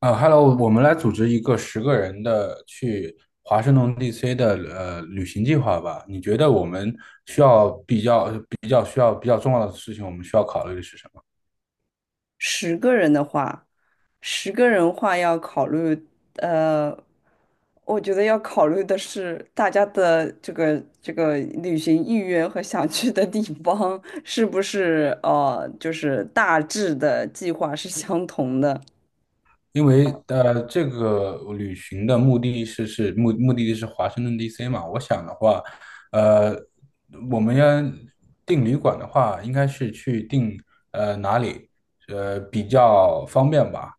啊 h e l l o 我们来组织一个十个人的去华盛顿 DC 的旅行计划吧。你觉得我们需要比较重要的事情，我们需要考虑的是什么？十个人的话，十个人话要考虑，呃，我觉得要考虑的是大家的这个旅行意愿和想去的地方是不是就是大致的计划是相同的。因为这个旅行的目的地是华盛顿 DC 嘛。我想的话，呃，我们要订旅馆的话，应该是去订哪里比较方便吧？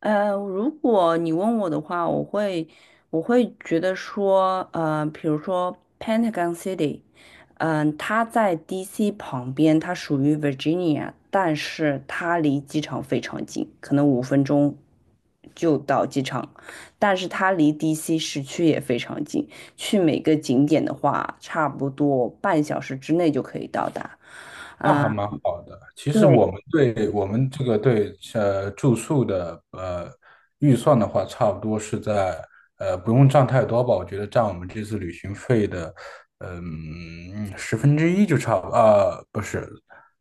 如果你问我的话，我会觉得说，比如说 Pentagon City,它在 DC 旁边，它属于 Virginia,但是它离机场非常近，可能五分钟就到机场，但是它离 DC 市区也非常近，去每个景点的话，差不多半小时之内就可以到达。那还蛮好的。其实我对。们对我们这个对呃住宿的预算的话，差不多是在不用占太多吧。我觉得占我们这次旅行费的十分之一就差不啊、不是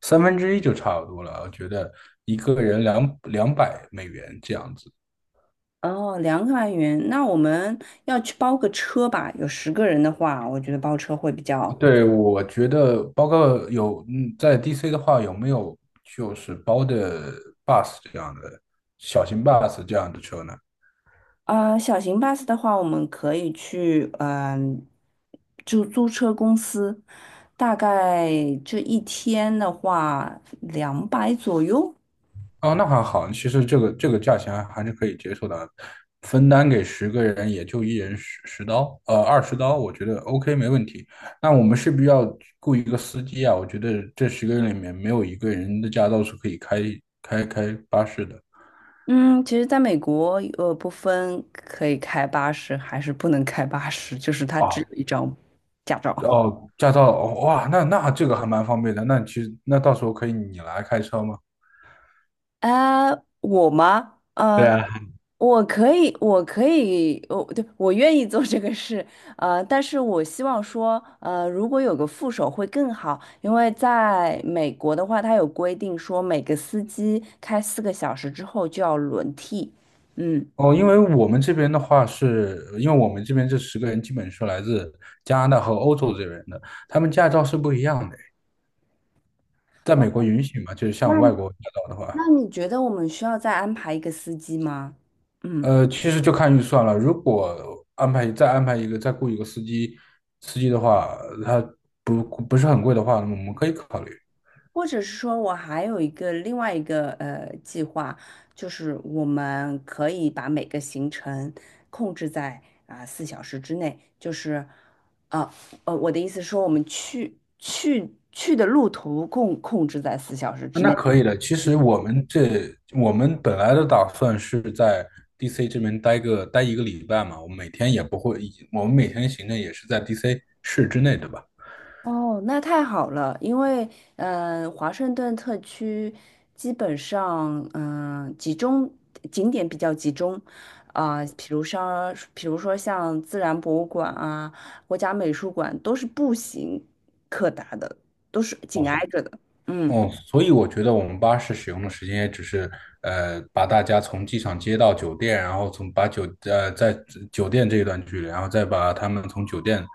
三分之一就差不多了。我觉得一个人两百美元这样子。哦，两百元，那我们要去包个车吧？有十个人的话，我觉得包车会比较。对，我觉得包括有在 DC 的话，有没有就是包的 bus 这样的小型 bus 这样的车呢？小型 bus 的话，我们可以去，就租车公司，大概这一天的话，两百左右。哦，那还好，其实这个价钱还是可以接受的，分担给十个人也就一人十刀，20刀，我觉得 OK 没问题。那我们是不是要雇一个司机啊？我觉得这十个人里面没有一个人的驾照是可以开巴士的。嗯，其实在美国，不分可以开八十还是不能开八十，就是它只啊，有一张驾照。哦，驾照，哦哇，那这个还蛮方便的。那其实那到时候可以你来开车吗？呃，我吗？对啊，我可以，我可以，我对，我愿意做这个事，但是我希望说，如果有个副手会更好，因为在美国的话，他有规定说每个司机开四个小时之后就要轮替。嗯。哦，因为我们这边的话是，因为我们这边这十个人基本是来自加拿大和欧洲这边的，他们驾照是不一样的。在哦，美国允许嘛，就是那像外国驾照的话，那你觉得我们需要再安排一个司机吗？嗯。其实就看预算了。如果再安排一个，再雇一个司机，的话，他不是很贵的话，那么我们可以考虑。或者是说我还有另外一个计划，就是我们可以把每个行程控制在四小时之内，就是啊我的意思说我们去的路途控制在四小时之那内。可以的。其实我们本来的打算是在 DC 这边待一个礼拜嘛，我们每天也不会，我们每天行程也是在 DC 市之内，对吧？哦，那太好了，因为华盛顿特区基本上嗯、呃集中景点比较集中，比如说像自然博物馆啊、国家美术馆都是步行可达的，都是哦，紧挨着的。嗯。哦，所以我觉得我们巴士使用的时间也只是把大家从机场接到酒店，然后从把酒呃在酒店这一段距离，然后再把他们从酒店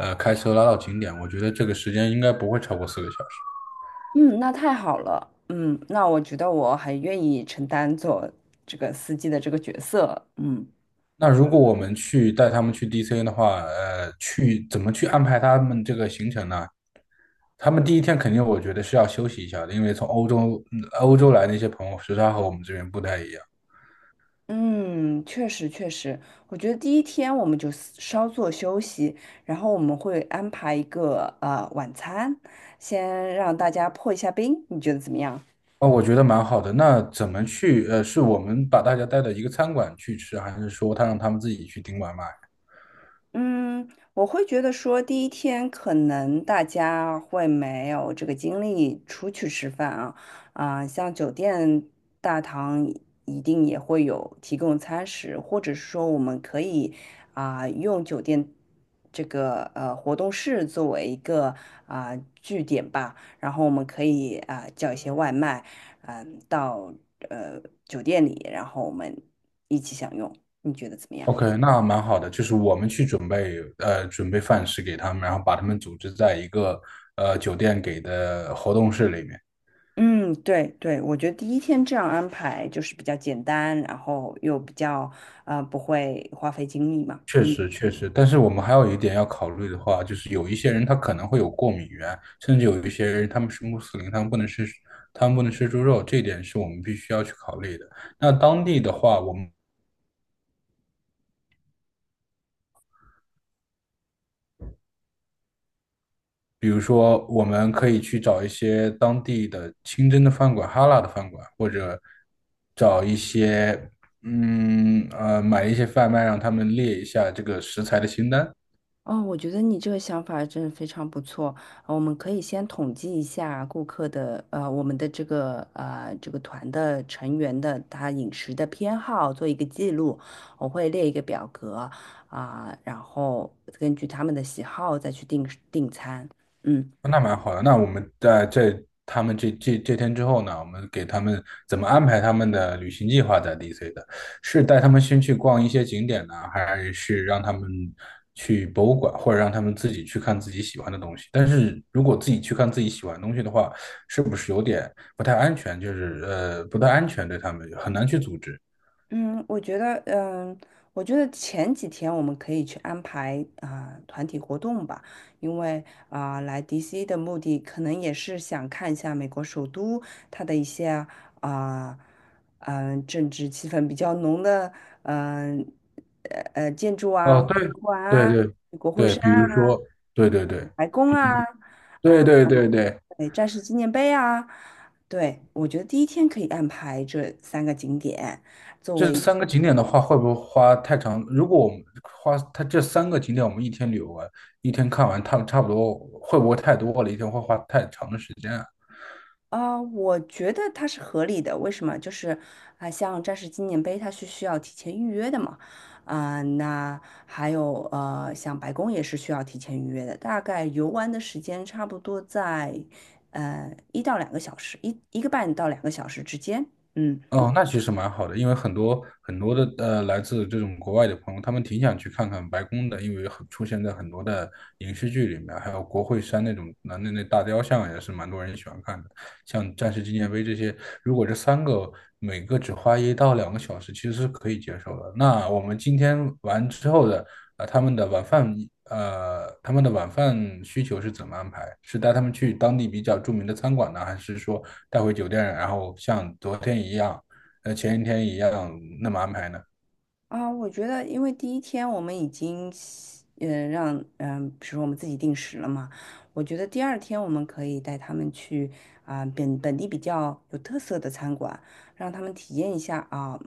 开车拉到景点。我觉得这个时间应该不会超过4个小时。嗯，那太好了，嗯，那我觉得我很愿意承担做这个司机的这个角色。嗯。那如果我们去带他们去 DC 的话，去怎么去安排他们这个行程呢？他们第一天肯定我觉得是要休息一下的，因为从欧洲来那些朋友时差和我们这边不太一样。嗯，确实确实，我觉得第一天我们稍作休息，然后我们会安排一个晚餐，先让大家破一下冰，你觉得怎么样？哦，我觉得蛮好的。那怎么去？是我们把大家带到一个餐馆去吃，还是说让他们自己去订外卖嗯，我会觉得说，第一天可能大家会没有这个精力出去吃饭啊，像酒店大堂一定也会有提供餐食，或者是说我们可以用酒店这个活动室作为一个啊、据点吧，然后我们可以叫一些外卖，到酒店里，然后我们一起享用，你觉得怎么样？？OK，那蛮好的，就是我们去准备饭食给他们，然后把他们组织在一个酒店给的活动室里面。嗯，对对，我觉得第一天这样安排就是比较简单，然后又比较不会花费精力嘛。确嗯。实，确实，但是我们还有一点要考虑的话，就是有一些人他可能会有过敏源，甚至有一些人他们是穆斯林，他们不能吃猪肉，这一点是我们必须要去考虑的。那当地的话，比如说，我们可以去找一些当地的清真的饭馆、哈拉的饭馆，或者找一些，买一些贩卖，让他们列一下这个食材的清单。哦，我觉得你这个想法真的非常不错。我们可以先统计一下顾客的呃我们的这个团的成员的他饮食的偏好，做一个记录。我会列一个表格啊，然后根据他们的喜好再去订餐。嗯。哦那蛮好的。那我们他们这天之后呢，我们给他们怎么安排他们的旅行计划在 DC 的？是带他们先去逛一些景点呢，还是让他们去博物馆，或者让他们自己去看自己喜欢的东西？但是如果自己去看自己喜欢的东西的话，是不是有点不太安全？就是不太安全，对他们很难去组织。嗯，我觉得，嗯，我觉得前几天我们可以去安排团体活动吧，因为来 DC 的目的可能也是想看一下美国首都它的一些啊嗯、政治气氛比较浓的嗯建筑啊、哦，博对物馆对啊、对国会对，山比如啊、说，对对对。白宫啊。对啊、对对对，对，战士纪念碑啊。对，我觉得第一天可以安排这三个景点，作这为三个景点的话，会不会花太长？如果我们花它这三个景点，我们一天旅游完，一天看完，它们差不多会不会太多了？一天会花太长的时间啊？我觉得它是合理的。为什么？就是像战士纪念碑，它是需要提前预约的嘛。那还有像白宫也是需要提前预约的。大概游玩的时间差不多在一到两个小时，一个半到两个小时之间。嗯。哦，那其实蛮好的，因为很多很多的来自这种国外的朋友，他们挺想去看看白宫的，因为很出现在很多的影视剧里面，还有国会山那种那大雕像也是蛮多人喜欢看的。像战士纪念碑这些，如果这三个每个只花一到两个小时，其实是可以接受的。那我们今天完之后的呃，他们的晚饭他们的晚饭需求是怎么安排？是带他们去当地比较著名的餐馆呢，还是说带回酒店，然后像昨天一样？前一天一样那么安排呢？啊，我觉得，因为第一天我们已经习嗯，呃让，嗯、比如说我们自己定时了嘛，我觉得第二天我们可以带他们去本地比较有特色的餐馆，让他们体验一下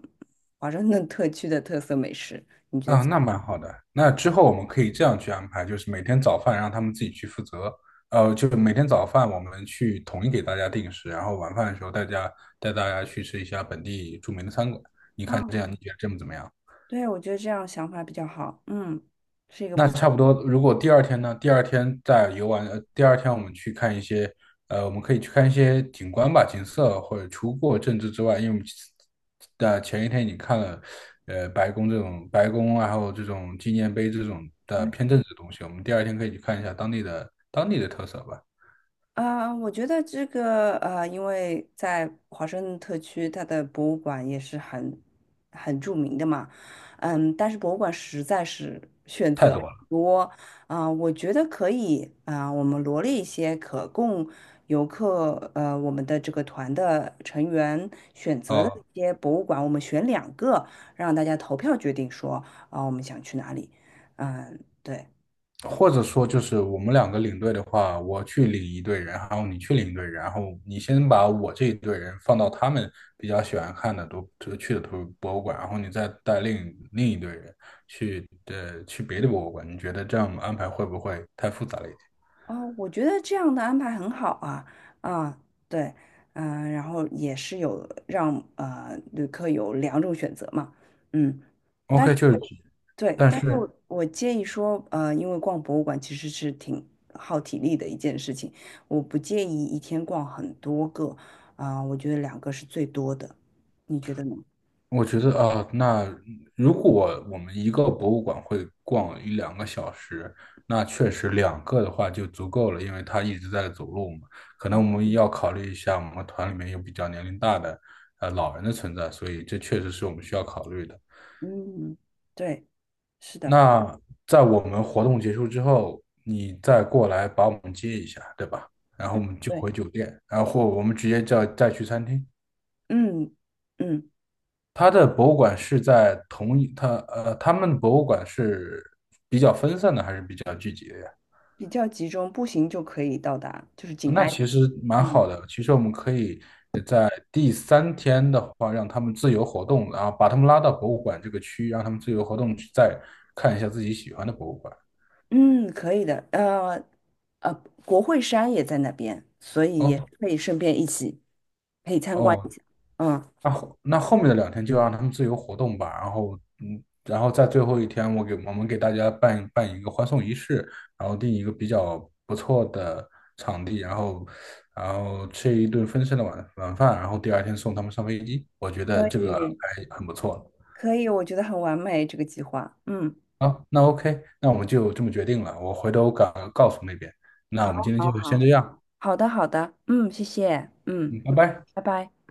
华盛顿特区的特色美食。啊，那蛮好的。那之后我们可以这样去安排，就是每天早饭让他们自己去负责，就是每天早饭我们去统一给大家定时，然后晚饭的时候带大家去吃一下本地著名的餐馆，啊，这样你觉得怎么样？对，我觉得这样想法比较好，嗯，是一个那不错。差不多。如果第二天呢？第二天我们去看一些，我们可以去看一些景观吧，景色或者除过政治之外，因为我们的前一天已经看了，白宫然后这种纪念碑这种的偏政治的东西，我们第二天可以去看一下当地的特色吧，啊，我觉得这个因为在华盛顿特区，它的博物馆也是很著名的嘛，嗯，但是博物馆实在是选太择多很了。多啊，我觉得可以啊，我们罗列一些可供我们的这个团的成员选择的哦，一些博物馆，我们选两个，让大家投票决定说啊，我们想去哪里。嗯，对。或者说就是我们两个领队的话，我去领一队人，然后你去领一队人，然后你先把我这一队人放到他们比较喜欢看的都就去的博物馆，然后你再带另一队人去别的博物馆，你觉得这样安排会不会太复杂了一点哦，我觉得这样的安排很好啊。啊，对。然后也是有让旅客有两种选择嘛。嗯，但？OK，是就是，对，但但是是我建议说，呃，因为逛博物馆其实是挺耗体力的一件事情，我不建议一天逛很多个，我觉得两个是最多的，你觉得呢？我觉得啊，那如果我们一个博物馆会逛一两个小时，那确实两个的话就足够了，因为他一直在走路嘛。可能嗯。我们要考虑一下，我们团里面有比较年龄大的老人的存在，所以这确实是我们需要考虑的。嗯，对，是的，那在我们活动结束之后，你再过来把我们接一下，对吧？然后我们就对。回酒店，然后我们直接叫再去餐厅。嗯。嗯，它的博物馆是在同一，它呃，他们的博物馆是比较分散的，还是比较？比较集中，步行就可以到达，就是紧那挨着。其实蛮嗯。好的。其实我们可以在第三天的话，让他们自由活动，然后把他们拉到博物馆这个区，让他们自由活动，去再看一下自己喜欢的博物馆。嗯，可以的。呃，国会山也在那边，所以也是哦可以顺便一起可以参观一哦，下。嗯。那后面的两天就让他们自由活动吧，然后在最后一天，我们给大家办一个欢送仪式，然后定一个比较不错的场地，然后吃一顿丰盛的晚饭，然后第二天送他们上飞机，我觉得可这个以，还很不错可以，我觉得很完美这个计划。嗯，啊好，那 OK，那我们就这么决定了，我回头告诉那边，那我们好，今天好，就先好，这样，好的，好的。嗯，谢谢。嗯，嗯，拜拜。拜拜。